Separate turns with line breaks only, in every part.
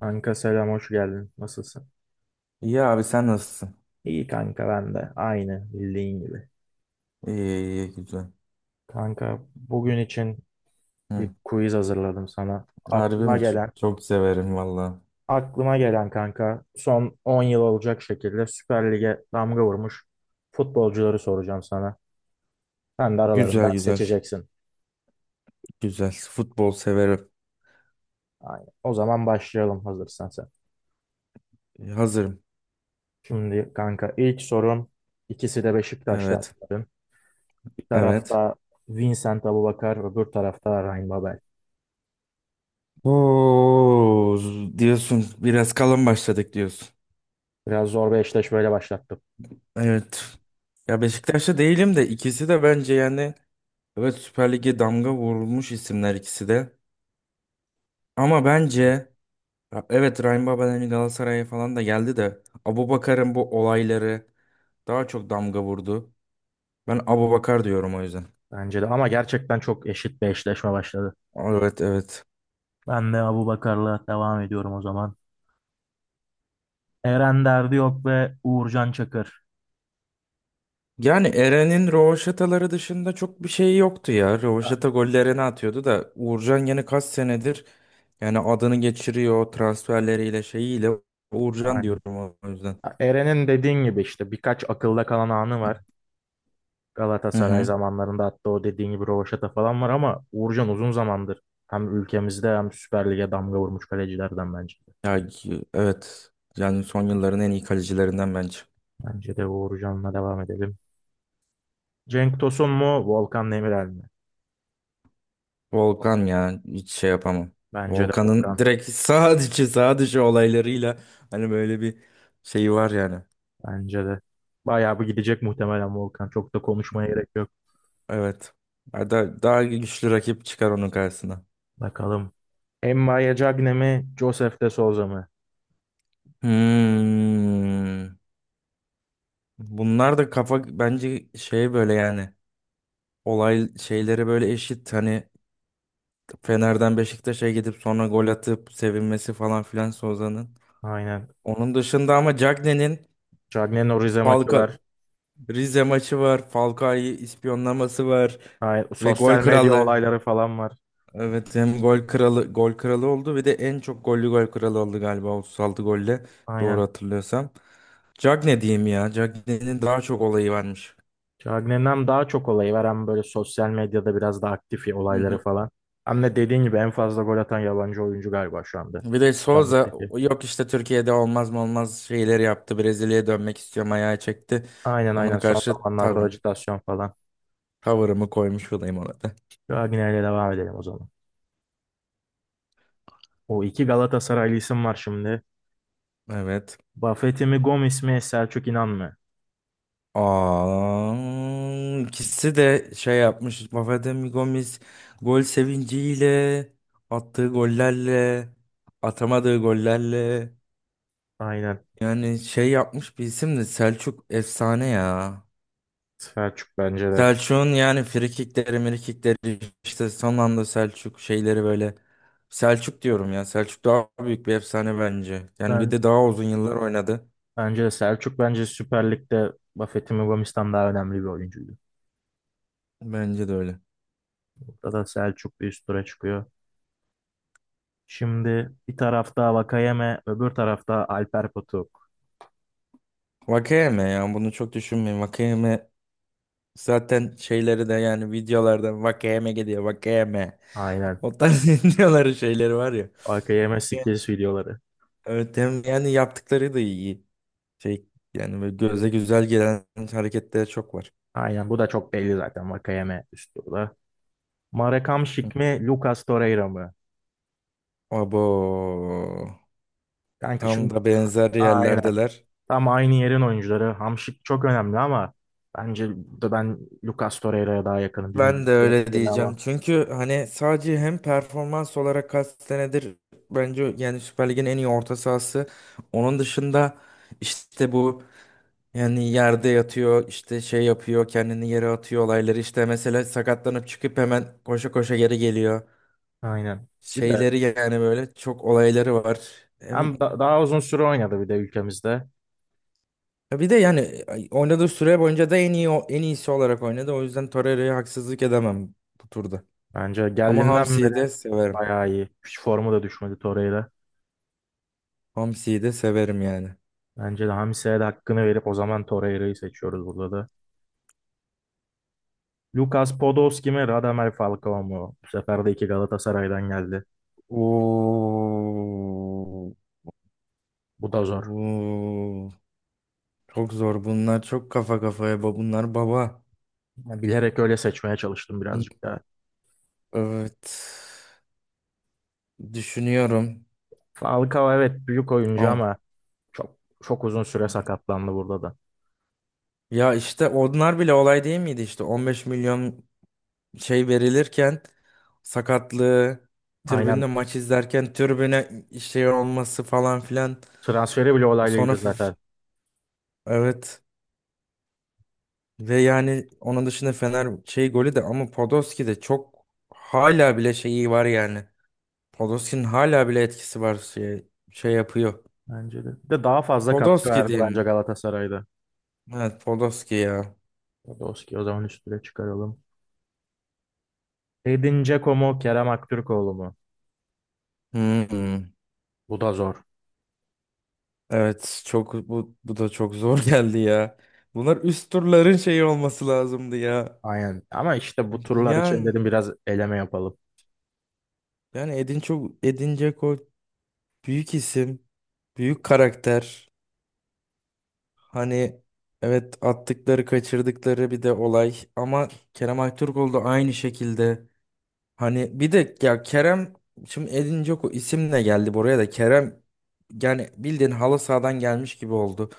Kanka selam, hoş geldin. Nasılsın?
İyi abi sen nasılsın?
İyi kanka, ben de aynı bildiğin gibi.
İyi, güzel.
Kanka, bugün için bir
Hı.
quiz hazırladım sana.
Harbi
Aklıma
mi?
gelen,
Çok severim valla.
aklıma gelen kanka son 10 yıl olacak şekilde Süper Lig'e damga vurmuş futbolcuları soracağım sana. Sen de aralarından
Güzel,
seçeceksin.
güzel. Futbol severim.
Aynen. O zaman başlayalım hazırsan sen.
Hazırım.
Şimdi kanka ilk sorum, ikisi de Beşiktaş'ta.
Evet.
Bir
Evet.
tarafta Vincent Aboubakar, öbür tarafta Ryan Babel.
Oo, diyorsun biraz kalın başladık diyorsun.
Biraz zor bir eşleşmeyle başlattım.
Evet. Ya Beşiktaş'ta değilim de ikisi de bence evet Süper Lig'e damga vurulmuş isimler ikisi de. Ama bence ya evet Rahim Baba'nın Galatasaray'a falan da geldi de Abubakar'ın bu olayları daha çok damga vurdu. Ben Abubakar diyorum o yüzden.
Bence de ama gerçekten çok eşit bir eşleşme başladı.
Evet, evet.
Ben de Abubakar'la devam ediyorum o zaman. Eren Derdi yok ve Uğurcan Çakır.
Yani Eren'in rövaşataları dışında çok bir şey yoktu ya.
A-
Rövaşata gollerini atıyordu da Uğurcan yine kaç senedir yani adını geçiriyor transferleriyle şeyiyle Uğurcan
Aynen.
diyorum o yüzden.
Eren'in dediğin gibi işte birkaç akılda kalan anı var.
Hı
Galatasaray
hı.
zamanlarında hatta o dediğin gibi rövaşata falan var, ama Uğurcan uzun zamandır hem ülkemizde hem Süper Lig'e damga vurmuş kalecilerden bence de.
Evet. Yani son yılların en iyi kalecilerinden bence.
Bence de Uğurcan'la devam edelim. Cenk Tosun mu Volkan Demirel mi?
Volkan ya hiç şey yapamam.
Bence de Volkan.
Volkan'ın direkt sağ dışı olaylarıyla hani böyle bir şeyi var yani.
Bence de. Bayağı bir gidecek muhtemelen Volkan. Çok da konuşmaya gerek yok.
Evet. Daha güçlü rakip çıkar onun karşısına.
Bakalım. Emma'ya Cagne mi? Joseph de Souza mı?
Hmm. Bunlar da kafa bence şey böyle yani olay şeyleri böyle eşit hani Fener'den Beşiktaş'a gidip sonra gol atıp sevinmesi falan filan Soza'nın.
Aynen.
Onun dışında ama Cagney'in
Cagne'nin o Rize maçı
Falcao
var.
Rize maçı var. Falcao'yu ispiyonlaması var
Aynen.
ve gol
Sosyal medya
kralı.
olayları falan var.
Evet hem gol kralı gol kralı oldu ve de en çok gollü gol kralı oldu galiba 36 golle
Aynen.
doğru hatırlıyorsam. Jag ne diyeyim ya? Cagney'nin daha çok olayı varmış.
Cagne'den daha çok olayı var. Hem böyle sosyal medyada biraz daha aktif ya,
Hı
olayları
hı.
falan. Hem de dediğin gibi en fazla gol atan yabancı oyuncu galiba şu anda.
Bir de
Süper
Souza
Lig'deki.
yok işte Türkiye'de olmaz mı olmaz şeyleri yaptı. Brezilya'ya dönmek istiyorum ayağı çekti.
Aynen aynen.
Ona
Son
karşı
zamanlarda
tavrım.
ajitasyon falan.
Tavırımı koymuş olayım ona da.
Cagne ile devam edelim o zaman. O iki Galatasaraylı isim var şimdi.
Evet.
Buffett'i mi Gomis mi Selçuk İnan mı?
Aa, ikisi de şey yapmış. Vafademi Gomis gol sevinciyle attığı gollerle atamadığı gollerle
Aynen.
yani şey yapmış bir isim de Selçuk efsane ya.
Selçuk bence de.
Selçuk'un yani frikikleri, mirikikleri işte son anda Selçuk şeyleri böyle Selçuk diyorum ya. Selçuk daha büyük bir efsane bence. Yani bir
Ben
de daha uzun yıllar oynadı.
Bence de Selçuk, bence Süper Lig'de Buffett'in Mumbamis'ten daha önemli bir oyuncuydu.
Bence de öyle.
Burada da Selçuk bir üst tura çıkıyor. Şimdi bir tarafta Vakayeme, öbür tarafta Alper Potuk.
Vakayeme ya bunu çok düşünmeyin. Vakayeme zaten şeyleri de yani videolarda Vakayeme gidiyor Vakayeme.
Aynen.
O tarz videoları şeyleri var ya.
Vakayeme
Vakayeme.
skills videoları.
Evet hem yani yaptıkları da iyi. Şey yani böyle göze güzel gelen hareketler çok var.
Aynen, bu da çok belli zaten Vakayeme üst turda. Marekam Şik mi, Lucas Torreira mı?
Abo.
Kanka
Tam
şimdi
da benzer
aynen.
yerlerdeler.
Tam aynı yerin oyuncuları. Hamşik çok önemli ama bence burada ben Lucas Torreira'ya daha yakınım.
Ben
Bilmiyorum,
de
senin
öyle
fikrin ama.
diyeceğim. Çünkü hani sadece hem performans olarak kaç senedir bence yani Süper Lig'in en iyi orta sahası. Onun dışında işte bu yani yerde yatıyor işte şey yapıyor kendini yere atıyor olayları işte mesela sakatlanıp çıkıp hemen koşa koşa geri geliyor.
Aynen. Bir de
Şeyleri yani böyle çok olayları var. Hem-
Daha uzun süre oynadı bir de ülkemizde.
Bir de oynadığı süre boyunca da en iyi en iyisi olarak oynadı. O yüzden Torreira'ya haksızlık edemem bu turda.
Bence
Ama
geldiğinden beri
hamsiyi de severim.
bayağı iyi. Hiç formu da düşmedi Torreira.
Hamsiyi de severim yani.
Bence de Hamise'ye de hakkını verip o zaman Torreira'yı seçiyoruz burada da. Lucas Podolski mi Radamel Falcao mu? Bu sefer de iki Galatasaray'dan geldi.
Oo,
Bu da zor.
oo, çok zor bunlar. Çok kafa kafaya ba bunlar baba.
Ya bilerek öyle seçmeye çalıştım birazcık daha.
Evet. Düşünüyorum.
Falcao evet büyük oyuncu
Am-
ama çok çok uzun süre sakatlandı burada da.
Ya işte onlar bile olay değil miydi işte 15 milyon şey verilirken sakatlığı
Aynen,
tribünde maç izlerken tribüne şey olması falan filan.
transferi bile
Sonra
olaylıydı
f-
zaten.
evet ve yani onun dışında Fener şey golü de ama Podolski de çok hala bile şeyi var yani. Podolski'nin hala bile etkisi var şey yapıyor.
Bence de. Bir de daha fazla katkı
Podolski
verdi bence
diyeyim.
Galatasaray'da.
Evet Podolski ya.
Podolski o zaman üstüne çıkaralım. Edin Dzeko mu Kerem Aktürkoğlu mu?
Hmm.
Bu da zor.
Evet çok bu da çok zor geldi ya. Bunlar üst turların şeyi olması lazımdı ya.
Aynen. Ama işte bu turlar için
Yani
dedim biraz eleme yapalım.
yani Edin çok Edin Dzeko büyük isim, büyük karakter. Hani evet attıkları kaçırdıkları bir de olay ama Kerem Aktürkoğlu da aynı şekilde hani bir de ya Kerem şimdi Edin Dzeko isimle geldi buraya da Kerem yani bildiğin halı sahadan gelmiş gibi oldu.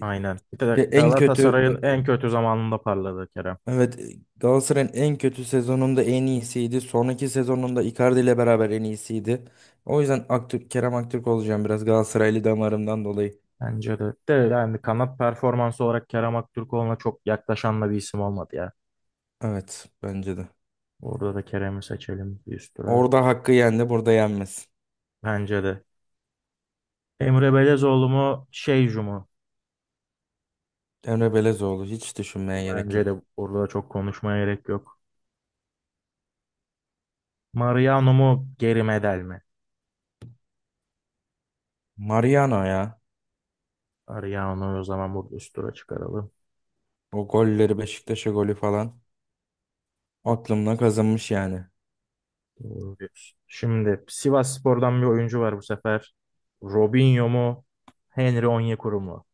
Aynen. Bir
Ya
de
en kötü
Galatasaray'ın en kötü zamanında parladı Kerem.
evet Galatasaray'ın en kötü sezonunda en iyisiydi. Sonraki sezonunda Icardi ile beraber en iyisiydi. O yüzden Aktürk, Kerem Aktürk olacağım biraz Galatasaraylı damarımdan dolayı.
Bence de. De yani kanat performansı olarak Kerem Aktürkoğlu'na çok yaklaşan da bir isim olmadı ya.
Evet bence de.
Orada da Kerem'i seçelim bir üst tura.
Orada hakkı yendi, burada yenmez.
Bence de. Emre Belezoğlu mu Şeycu mu?
Emre Belezoğlu hiç düşünmeye gerek
Bence
yok.
de burada çok konuşmaya gerek yok. Mariano mu geri Medel mi?
Mariano ya.
Ariano'yu o zaman burada üst tura çıkaralım.
O golleri Beşiktaş'a golü falan aklımda kazınmış yani.
Doğru diyorsun. Şimdi Sivasspor'dan bir oyuncu var bu sefer. Robinho mu? Henry Onyekuru mu?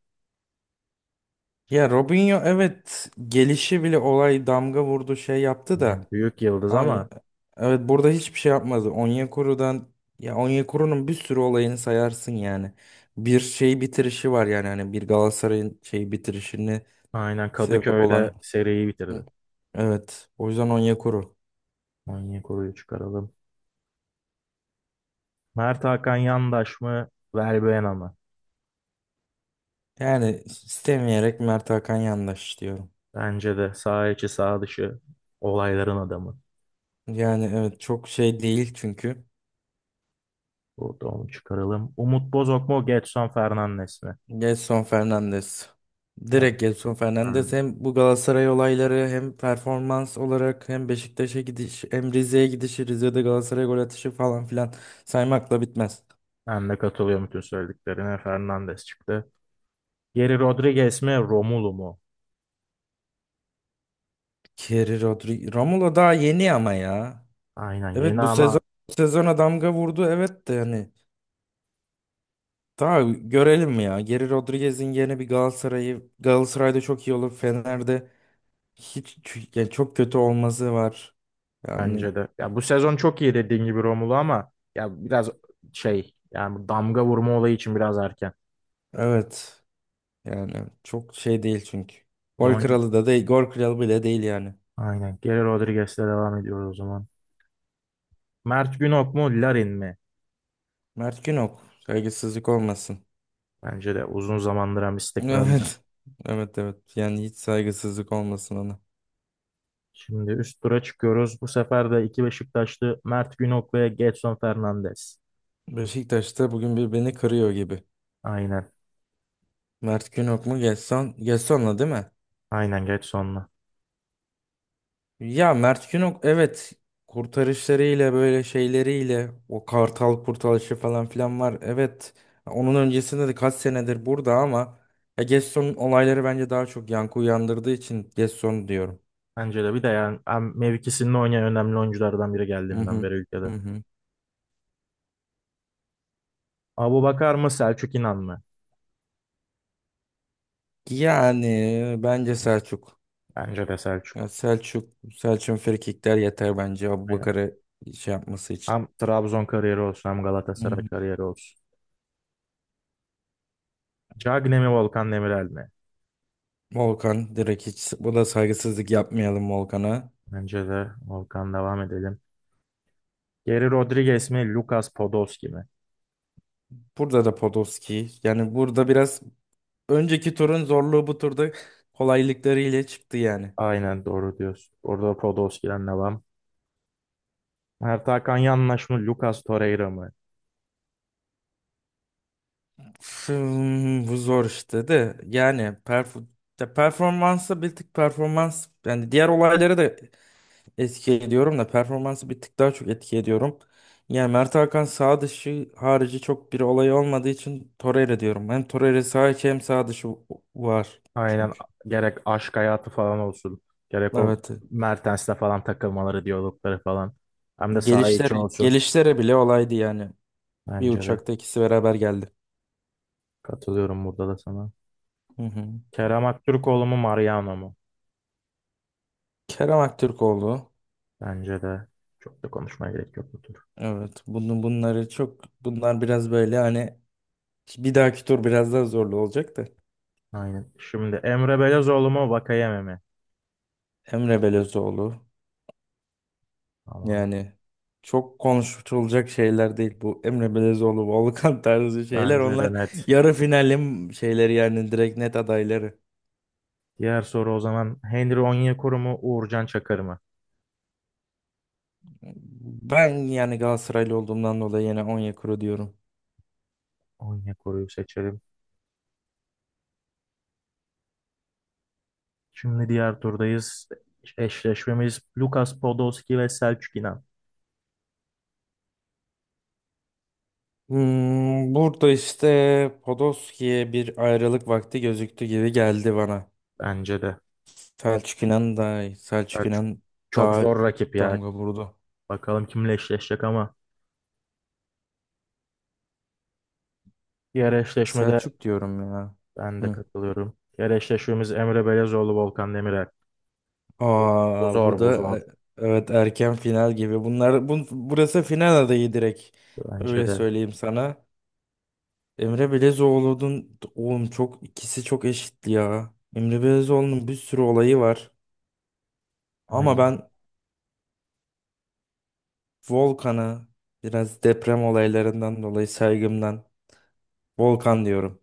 Ya Robinho evet gelişi bile olay damga vurdu şey yaptı
Aynen.
da.
Büyük yıldız
Ay,
ama
evet burada hiçbir şey yapmadı. Onyekuru'dan ya Onyekuru'nun bir sürü olayını sayarsın yani. Bir şey bitirişi var yani hani bir Galatasaray'ın şey bitirişini
aynen
sebep olan.
Kadıköy'de seriyi bitirdi.
Evet o yüzden Onyekuru.
Onyekuru'yu çıkaralım. Mert Hakan Yandaş mı? Verbena mı?
Yani istemeyerek Mert Hakan yandaş diyorum.
Bence de sağ içi sağ dışı olayların adamı.
Yani evet çok şey değil çünkü.
Burada onu çıkaralım. Umut Bozok mu? Gedson Fernandes mi?
Gelson Fernandes.
Ben,
Direkt Gelson Fernandes
ben,
hem bu Galatasaray olayları hem performans olarak hem Beşiktaş'a gidiş hem Rize'ye gidişi Rize'de Galatasaray gol atışı falan filan saymakla bitmez.
ben de katılıyorum bütün söylediklerine. Fernandes çıktı. Geri Rodriguez mi Romulu mu?
Kerry Rodri Romulo daha yeni ama ya.
Aynen
Evet
yeni ama
bu sezona damga vurdu evet de yani daha görelim ya. Geri Rodriguez'in yerine bir Galatasaray'ı Galatasaray'da çok iyi olur. Fener'de hiç yani çok kötü olması var. Yani
bence de. Ya bu sezon çok iyi dediğin gibi Romulu, ama ya biraz şey, yani bu damga vurma olayı için biraz erken.
evet. Yani çok şey değil çünkü.
O
Gol
zaman
kralı da değil. Gol kralı bile değil yani.
aynen Geri Rodriguez'le devam ediyoruz o zaman. Mert Günok mu Larin mi?
Mert Günok. Saygısızlık olmasın.
Bence de uzun zamandır hem istikrarlı.
Evet. Evet, evet. Yani hiç saygısızlık olmasın ona.
Şimdi üst tura çıkıyoruz. Bu sefer de iki Beşiktaşlı Mert Günok ve Gedson Fernandes.
Beşiktaş'ta bugün bir beni kırıyor gibi.
Aynen.
Mert Günok mu Gesson? Gesson'la değil mi?
Aynen Gedson'la.
Ya Mert Günok evet kurtarışlarıyla böyle şeyleriyle o kartal kurtarışı falan filan var. Evet onun öncesinde de kaç senedir burada ama ya Gesson'un olayları bence daha çok yankı uyandırdığı için Gesson diyorum.
Bence de, bir de yani hem mevkisinde oynayan önemli oyunculardan biri
Hı
geldiğinden
hı.
beri
Hı
ülkede.
hı.
Abubakar mı Selçuk İnan mı?
Yani bence Selçuk.
Bence de
Ya
Selçuk.
Selçuk, Selçuk'un frikikler yeter bence
Aynen.
Abubakar'ı şey yapması için.
Hem Trabzon kariyeri olsun hem
Hı
Galatasaray
hı.
kariyeri olsun. Cagne mi Volkan Demirel mi?
Volkan direkt hiç bu da saygısızlık yapmayalım Volkan'a.
Bence de Volkan devam edelim. Geri Rodriguez mi Lucas Podolski mi?
Burada da Podolski. Yani burada biraz önceki turun zorluğu bu turda kolaylıklarıyla çıktı yani.
Aynen doğru diyorsun. Orada Podolski'den devam. Mert Hakan Yanlış mı Lucas Torreira mı?
Hmm, bu zor işte de de performansı bir tık performans yani diğer olayları da etki ediyorum da performansı bir tık daha çok etki ediyorum. Yani Mert Hakan sağ dışı harici çok bir olay olmadığı için Torreira diyorum. Hem Torreira sağ içi hem sağ dışı var
Aynen,
çünkü.
gerek aşk hayatı falan olsun. Gerek o
Evet.
Mertens'le falan takılmaları, diyalogları falan. Hem de saha için olsun.
Gelişlere bile olaydı yani. Bir
Bence de
uçakta ikisi beraber geldi.
katılıyorum burada da sana.
Hı hı.
Kerem Aktürkoğlu mu Mariano mu?
Kerem Aktürkoğlu.
Bence de çok da konuşmaya gerek yok bu tur.
Evet, bunun bunları çok bunlar biraz böyle hani bir dahaki tur biraz daha zorlu olacak da
Aynen. Şimdi Emre Belezoğlu mu Vakayeme mi?
Emre Belezoğlu
Tamam.
yani çok konuşulacak şeyler değil bu Emre Belezoğlu, Volkan tarzı şeyler
Bence de
onlar
net.
yarı finalim şeyleri yani direkt net adayları.
Diğer soru o zaman Henry Onyekuru mu Uğurcan Çakır mı?
Ben yani Galatasaraylı olduğumdan dolayı yine Onyekuru diyorum.
Onyekuru'yu seçelim. Şimdi diğer turdayız. Eşleşmemiz Lucas Podolski ve Selçuk İnan.
Hmm, burada işte Podolski'ye bir ayrılık vakti gözüktü gibi geldi bana.
Bence de.
Selçuk İnan daha iyi. Selçuk
Selçuk
İnan
çok
daha
zor
bir
rakip ya.
damga vurdu.
Bakalım kimle eşleşecek ama diğer eşleşmede
Selçuk diyorum ya.
ben de
Hı.
katılıyorum. Diğer eşleşmemiz Emre Belezoğlu Volkan Demirel. Bu
Aa, bu
zor, bu
da
zor.
evet erken final gibi. Bunlar burası final adayı direkt.
Bence
Öyle
de.
söyleyeyim sana. Emre Belezoğlu'nun oğlum çok ikisi çok eşitli ya. Emre Belezoğlu'nun bir sürü olayı var. Ama
Aynen.
ben Volkan'ı biraz deprem olaylarından dolayı saygımdan Volkan diyorum.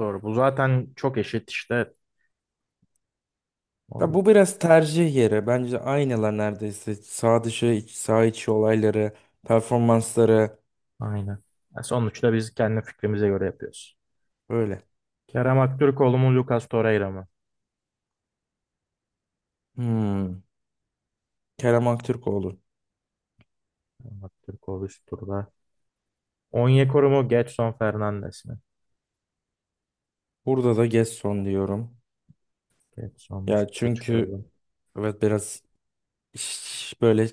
Zor. Bu zaten çok eşit işte.
Ya
O-
bu biraz tercih yeri. Bence aynılar neredeyse. Sağ dışı, iç, sağ içi olayları, performansları
Aynen. Ya sonuçta biz kendi fikrimize göre yapıyoruz.
böyle.
Kerem Aktürkoğlu mu, Lucas Torreira mı?
Hmm. Kerem Aktürkoğlu.
Kerem Aktürkoğlu üst turda. Onyekuru mu, Gedson Fernandes mi?
Burada da Gesson diyorum.
Gedson
Ya
üst tura
çünkü
çıkaralım.
evet biraz böyle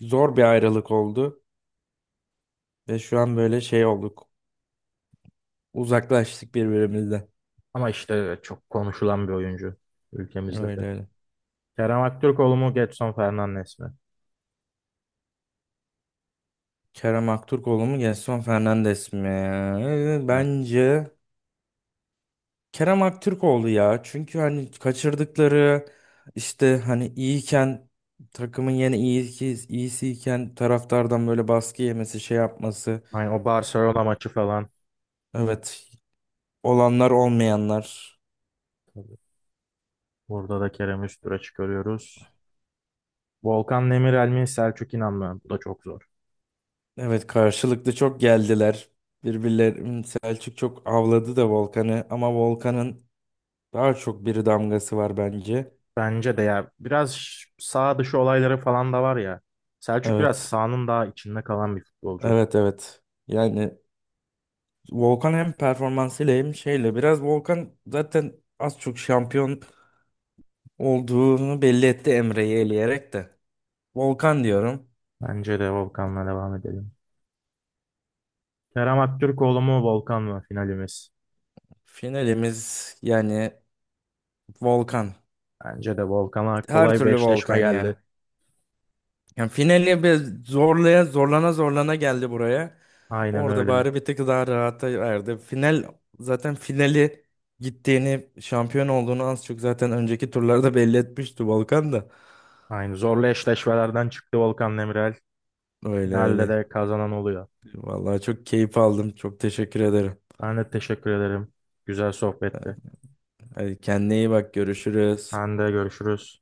zor bir ayrılık oldu. Ve şu an böyle şey olduk. Uzaklaştık birbirimizden.
Ama işte çok konuşulan bir oyuncu ülkemizde de.
Öyle öyle.
Kerem Aktürkoğlu mu, Gedson Fernandes mi?
Kerem Aktürkoğlu mu Gesson Fernandes mi?
Evet.
Bence Kerem Aktürkoğlu ya. Çünkü hani kaçırdıkları işte hani iyiyken takımın yine iyi ki iyisiyken taraftardan böyle baskı yemesi, şey yapması.
Aynen o Barcelona maçı falan.
Evet, olanlar olmayanlar.
Tabii. Burada da Kerem'i üst tura çıkarıyoruz. Volkan Demirel mi Selçuk İnan mı? Bu da çok zor.
Evet, karşılıklı çok geldiler. Birbirlerini Selçuk çok avladı da Volkan'ı ama Volkan'ın daha çok bir damgası var bence.
Bence de ya biraz sağ dışı olayları falan da var ya. Selçuk biraz
Evet.
sahanın daha içinde kalan bir futbolcu.
Evet, evet. Yani Volkan hem performansıyla hem şeyle biraz Volkan zaten az çok şampiyon olduğunu belli etti Emre'yi eleyerek de. Volkan diyorum.
Bence de Volkan'la devam edelim. Kerem Aktürkoğlu mu Volkan mı finalimiz?
Finalimiz yani Volkan.
Bence de Volkan'a
Her
kolay bir
türlü
eşleşme
Volkan yani.
geldi.
Yani finali bir zorlana zorlana geldi buraya.
Aynen
Orada
öyle.
bari bir tık daha rahata erdi. Finali gittiğini, şampiyon olduğunu az çok zaten önceki turlarda belli etmişti Volkan da.
Aynı zorlu eşleşmelerden çıktı Volkan Demirel.
Öyle
Finalde
öyle.
de kazanan oluyor.
Vallahi çok keyif aldım. Çok teşekkür ederim.
Ben de teşekkür ederim. Güzel sohbetti.
Hadi kendine iyi bak. Görüşürüz.
Ben de görüşürüz.